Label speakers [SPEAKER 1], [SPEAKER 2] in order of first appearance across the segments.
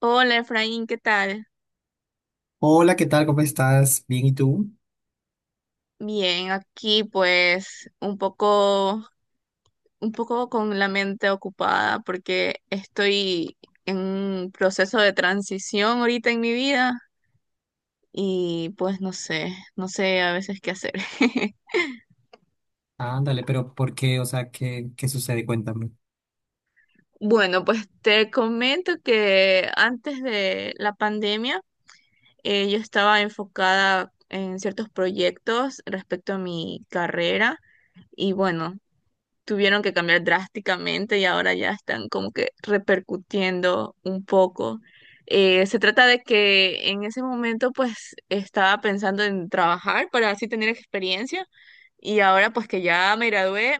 [SPEAKER 1] Hola Efraín, ¿qué tal?
[SPEAKER 2] Hola, ¿qué tal? ¿Cómo estás? Bien, ¿y tú?
[SPEAKER 1] Bien, aquí pues un poco con la mente ocupada porque estoy en un proceso de transición ahorita en mi vida y pues no sé, no sé a veces qué hacer.
[SPEAKER 2] Ándale, pero ¿por qué? O sea, ¿qué sucede? Cuéntame.
[SPEAKER 1] Bueno, pues te comento que antes de la pandemia yo estaba enfocada en ciertos proyectos respecto a mi carrera y bueno, tuvieron que cambiar drásticamente y ahora ya están como que repercutiendo un poco. Se trata de que en ese momento pues estaba pensando en trabajar para así tener experiencia y ahora pues que ya me gradué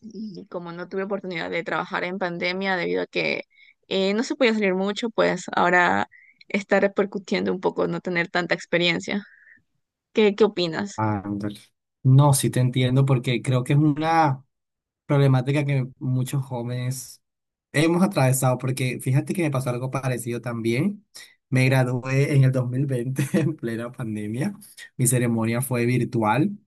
[SPEAKER 1] y como no tuve oportunidad de trabajar en pandemia debido a que no se podía salir mucho, pues ahora está repercutiendo un poco no tener tanta experiencia. ¿Qué, qué opinas?
[SPEAKER 2] Ándale. No, sí te entiendo porque creo que es una problemática que muchos jóvenes hemos atravesado, porque fíjate que me pasó algo parecido también. Me gradué en el 2020 en plena pandemia. Mi ceremonia fue virtual.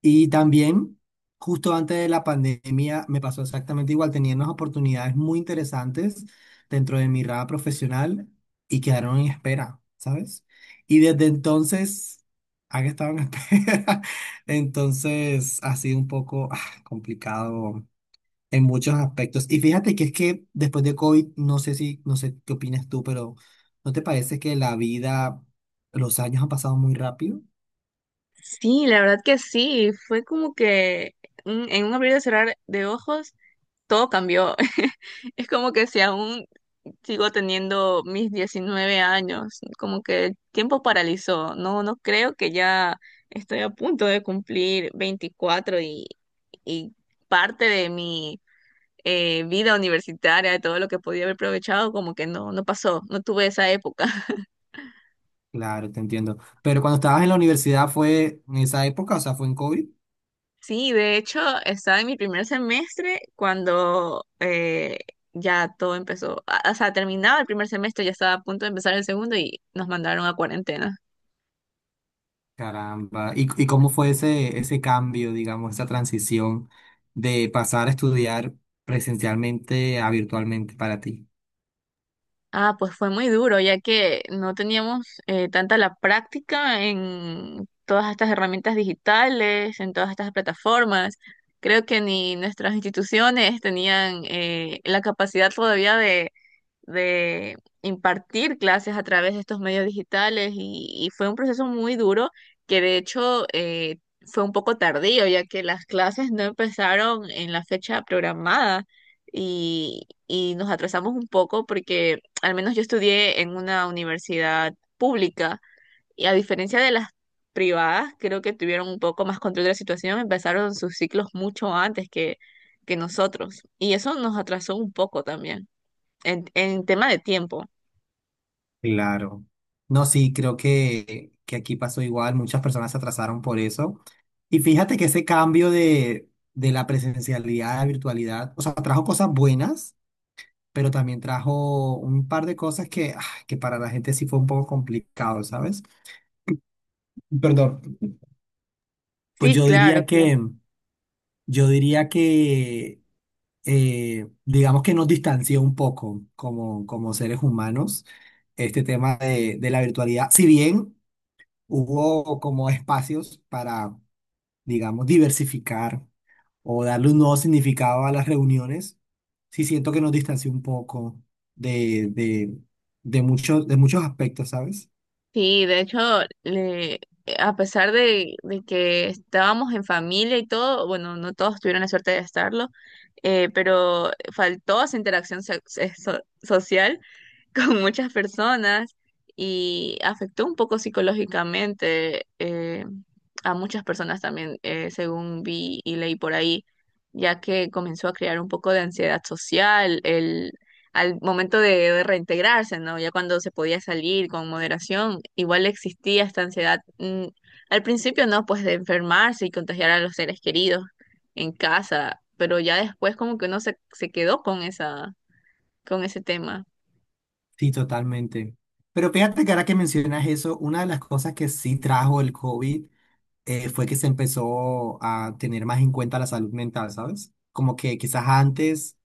[SPEAKER 2] Y también, justo antes de la pandemia, me pasó exactamente igual. Tenía unas oportunidades muy interesantes dentro de mi rama profesional y quedaron en espera, ¿sabes? Y desde entonces han estado en espera. Entonces ha sido un poco complicado en muchos aspectos. Y fíjate que es que después de COVID, no sé qué opinas tú, pero ¿no te parece que la vida, los años han pasado muy rápido?
[SPEAKER 1] Sí, la verdad que sí, fue como que en un abrir y cerrar de ojos todo cambió. Es como que si aún sigo teniendo mis 19 años, como que el tiempo paralizó. No, no creo que ya estoy a punto de cumplir 24 y parte de mi vida universitaria, de todo lo que podía haber aprovechado, como que no, no pasó, no tuve esa época.
[SPEAKER 2] Claro, te entiendo. Pero cuando estabas en la universidad fue en esa época, o sea, fue en COVID.
[SPEAKER 1] Sí, de hecho, estaba en mi primer semestre cuando ya todo empezó. O sea, terminaba el primer semestre, ya estaba a punto de empezar el segundo y nos mandaron a cuarentena.
[SPEAKER 2] Caramba. ¿Y cómo fue ese cambio, digamos, esa transición de pasar a estudiar presencialmente a virtualmente para ti?
[SPEAKER 1] Ah, pues fue muy duro, ya que no teníamos tanta la práctica en todas estas herramientas digitales, en todas estas plataformas. Creo que ni nuestras instituciones tenían la capacidad todavía de impartir clases a través de estos medios digitales y fue un proceso muy duro que de hecho fue un poco tardío ya que las clases no empezaron en la fecha programada y nos atrasamos un poco porque al menos yo estudié en una universidad pública y a diferencia de las privadas creo que tuvieron un poco más control de la situación, empezaron sus ciclos mucho antes que nosotros y eso nos atrasó un poco también. En tema de tiempo.
[SPEAKER 2] Claro. No, sí, creo que aquí pasó igual. Muchas personas se atrasaron por eso. Y fíjate que ese cambio de la presencialidad a la virtualidad, o sea, trajo cosas buenas pero también trajo un par de cosas que, que para la gente sí fue un poco complicado, ¿sabes? Perdón. Pues
[SPEAKER 1] Sí, claro, claro.
[SPEAKER 2] yo diría que, digamos que nos distanció un poco como, como seres humanos este tema de la virtualidad, si bien hubo como espacios para digamos, diversificar o darle un nuevo significado a las reuniones, sí siento que nos distanció un poco de, de, de muchos aspectos, ¿sabes?
[SPEAKER 1] Sí, de hecho, le- a pesar de que estábamos en familia y todo, bueno, no todos tuvieron la suerte de estarlo, pero faltó esa interacción social con muchas personas y afectó un poco psicológicamente a muchas personas también, según vi y leí por ahí, ya que comenzó a crear un poco de ansiedad social el, al momento de reintegrarse, ¿no? Ya cuando se podía salir con moderación, igual existía esta ansiedad, al principio, ¿no? Pues de enfermarse y contagiar a los seres queridos en casa, pero ya después como que uno se, se quedó con esa, con ese tema.
[SPEAKER 2] Sí, totalmente. Pero fíjate que ahora que mencionas eso, una de las cosas que sí trajo el COVID fue que se empezó a tener más en cuenta la salud mental, ¿sabes? Como que quizás antes,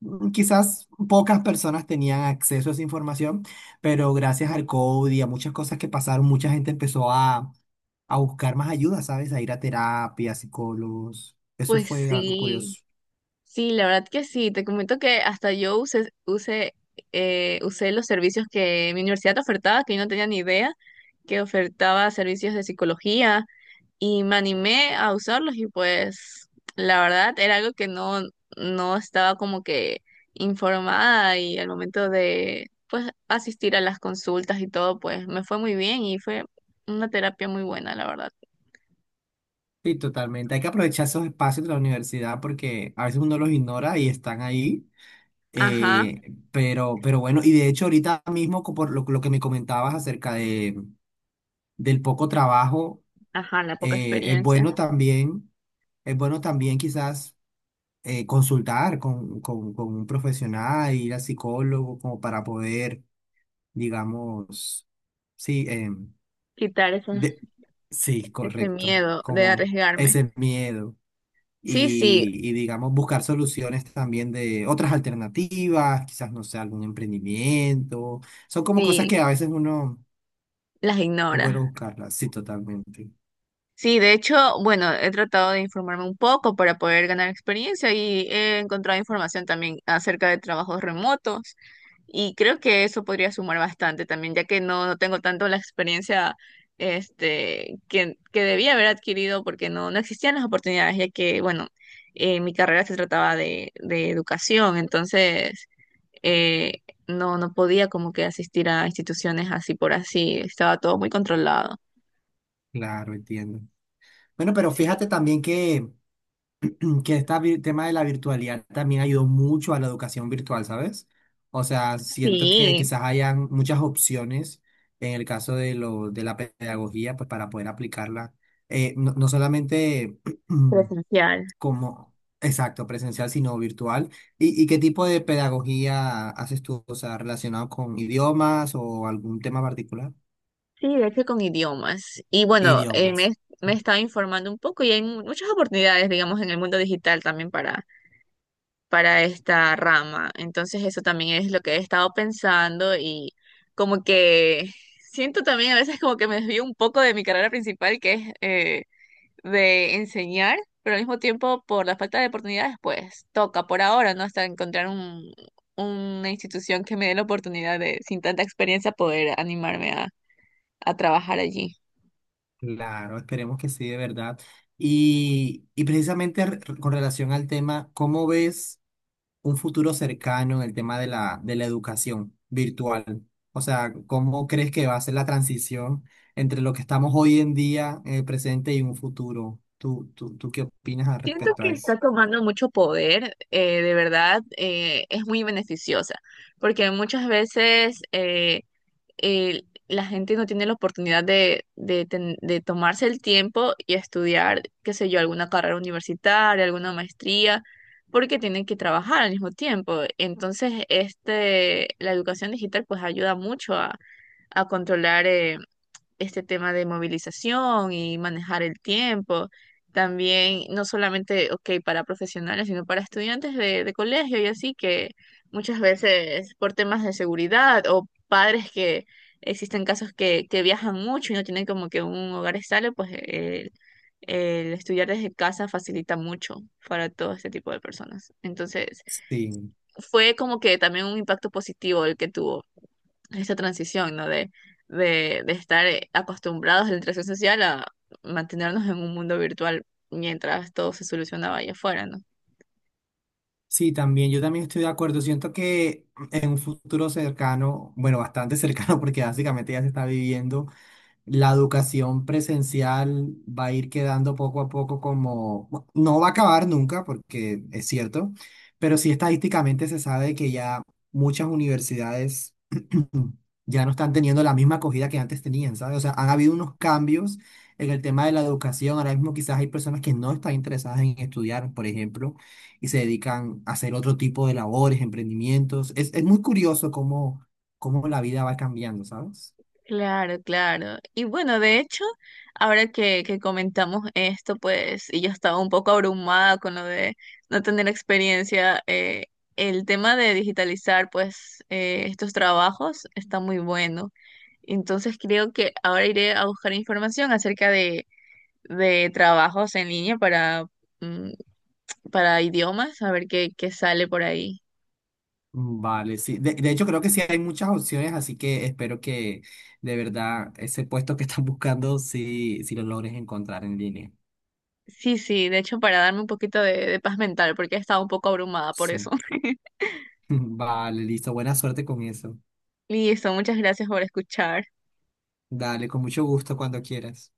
[SPEAKER 2] quizás pocas personas tenían acceso a esa información, pero gracias al COVID y a muchas cosas que pasaron, mucha gente empezó a buscar más ayuda, ¿sabes? A ir a terapia, a psicólogos. Eso
[SPEAKER 1] Pues
[SPEAKER 2] fue algo
[SPEAKER 1] sí,
[SPEAKER 2] curioso.
[SPEAKER 1] sí, la verdad que sí. Te comento que hasta yo usé, usé, usé los servicios que mi universidad ofertaba, que yo no tenía ni idea, que ofertaba servicios de psicología y me animé a usarlos y pues la verdad era algo que no, no estaba como que informada y al momento de pues asistir a las consultas y todo, pues me fue muy bien y fue una terapia muy buena, la verdad.
[SPEAKER 2] Sí, totalmente. Hay que aprovechar esos espacios de la universidad porque a veces uno los ignora y están ahí.
[SPEAKER 1] Ajá,
[SPEAKER 2] Eh, pero bueno, y de hecho ahorita mismo, co- por lo que me comentabas acerca de, del poco trabajo,
[SPEAKER 1] ajá, la poca
[SPEAKER 2] eh, es
[SPEAKER 1] experiencia.
[SPEAKER 2] bueno también, es bueno también quizás consultar con un profesional, ir a psicólogo, como para poder, digamos, sí,
[SPEAKER 1] Quitar esos.
[SPEAKER 2] de- sí,
[SPEAKER 1] Ese
[SPEAKER 2] correcto,
[SPEAKER 1] miedo de
[SPEAKER 2] como
[SPEAKER 1] arriesgarme.
[SPEAKER 2] ese miedo.
[SPEAKER 1] Sí, sí,
[SPEAKER 2] Y digamos buscar soluciones también de otras alternativas, quizás no sé, algún emprendimiento. Son como cosas
[SPEAKER 1] sí,
[SPEAKER 2] que a veces uno
[SPEAKER 1] las
[SPEAKER 2] es
[SPEAKER 1] ignora.
[SPEAKER 2] bueno buscarlas. Sí, totalmente.
[SPEAKER 1] Sí, de hecho, bueno, he tratado de informarme un poco para poder ganar experiencia y he encontrado información también acerca de trabajos remotos y creo que eso podría sumar bastante también, ya que no, no tengo tanto la experiencia este, que debía haber adquirido porque no, no existían las oportunidades, ya que, bueno, mi carrera se trataba de educación, entonces... eh, no, no podía como que asistir a instituciones así por así, estaba todo muy controlado.
[SPEAKER 2] Claro, entiendo. Bueno, pero
[SPEAKER 1] Sí,
[SPEAKER 2] fíjate también que este tema de la virtualidad también ayudó mucho a la educación virtual, ¿sabes? O sea, siento que
[SPEAKER 1] sí,
[SPEAKER 2] quizás hayan muchas opciones en el caso de, lo, de la pedagogía, pues para poder aplicarla, no solamente
[SPEAKER 1] presencial.
[SPEAKER 2] como, exacto, presencial, sino virtual. ¿Y qué tipo de pedagogía haces tú? O sea, ¿relacionado con idiomas o algún tema particular?
[SPEAKER 1] Sí, de hecho con idiomas. Y bueno,
[SPEAKER 2] Idiomas.
[SPEAKER 1] me estaba informando un poco y hay muchas oportunidades, digamos, en el mundo digital también para esta rama. Entonces eso también es lo que he estado pensando y como que siento también a veces como que me desvío un poco de mi carrera principal, que es... de enseñar, pero al mismo tiempo por la falta de oportunidades, pues toca por ahora, ¿no? Hasta encontrar un, una institución que me dé la oportunidad de, sin tanta experiencia, poder animarme a trabajar allí.
[SPEAKER 2] Claro, esperemos que sí, de verdad. Y precisamente re- con relación al tema, ¿cómo ves un futuro cercano en el tema de de la educación virtual? O sea, ¿cómo crees que va a ser la transición entre lo que estamos hoy en día, en el presente y un futuro? ¿Tú qué opinas al
[SPEAKER 1] Siento
[SPEAKER 2] respecto
[SPEAKER 1] que
[SPEAKER 2] a eso?
[SPEAKER 1] está tomando mucho poder, de verdad, es muy beneficiosa, porque muchas veces... la gente no tiene la oportunidad de, de tomarse el tiempo y estudiar, qué sé yo, alguna carrera universitaria, alguna maestría, porque tienen que trabajar al mismo tiempo. Entonces, este, la educación digital pues ayuda mucho a controlar. Este tema de movilización y manejar el tiempo. También, no solamente, ok, para profesionales, sino para estudiantes de colegio y así, que muchas veces por temas de seguridad o padres que existen casos que viajan mucho y no tienen como que un hogar estable, pues el estudiar desde casa facilita mucho para todo este tipo de personas. Entonces,
[SPEAKER 2] Sí.
[SPEAKER 1] fue como que también un impacto positivo el que tuvo esta transición, ¿no? De estar acostumbrados a la interacción social a mantenernos en un mundo virtual mientras todo se solucionaba allá afuera, ¿no?
[SPEAKER 2] Sí, también, yo también estoy de acuerdo. Siento que en un futuro cercano, bueno, bastante cercano, porque básicamente ya se está viviendo. La educación presencial va a ir quedando poco a poco como, bu- no va a acabar nunca, porque es cierto, pero sí estadísticamente se sabe que ya muchas universidades ya no están teniendo la misma acogida que antes tenían, ¿sabes? O sea, han habido unos cambios en el tema de la educación. Ahora mismo quizás hay personas que no están interesadas en estudiar, por ejemplo, y se dedican a hacer otro tipo de labores, emprendimientos. Es muy curioso cómo, cómo la vida va cambiando, ¿sabes?
[SPEAKER 1] Claro, claro. Y bueno, de hecho, ahora que comentamos esto, pues, y yo estaba un poco abrumada con lo de no tener experiencia, el tema de digitalizar, pues, estos trabajos está muy bueno. Entonces creo que ahora iré a buscar información acerca de trabajos en línea para, mm, para idiomas, a ver qué, qué sale por ahí.
[SPEAKER 2] Vale, sí. De hecho, creo que sí hay muchas opciones, así que espero que de verdad ese puesto que están buscando, sí, sí lo logres encontrar en línea.
[SPEAKER 1] Sí, sí, de hecho, para darme un poquito de paz mental, porque he estado un poco abrumada por eso.
[SPEAKER 2] Sí. Vale, listo. Buena suerte con eso.
[SPEAKER 1] Listo, muchas gracias por escuchar.
[SPEAKER 2] Dale, con mucho gusto cuando quieras.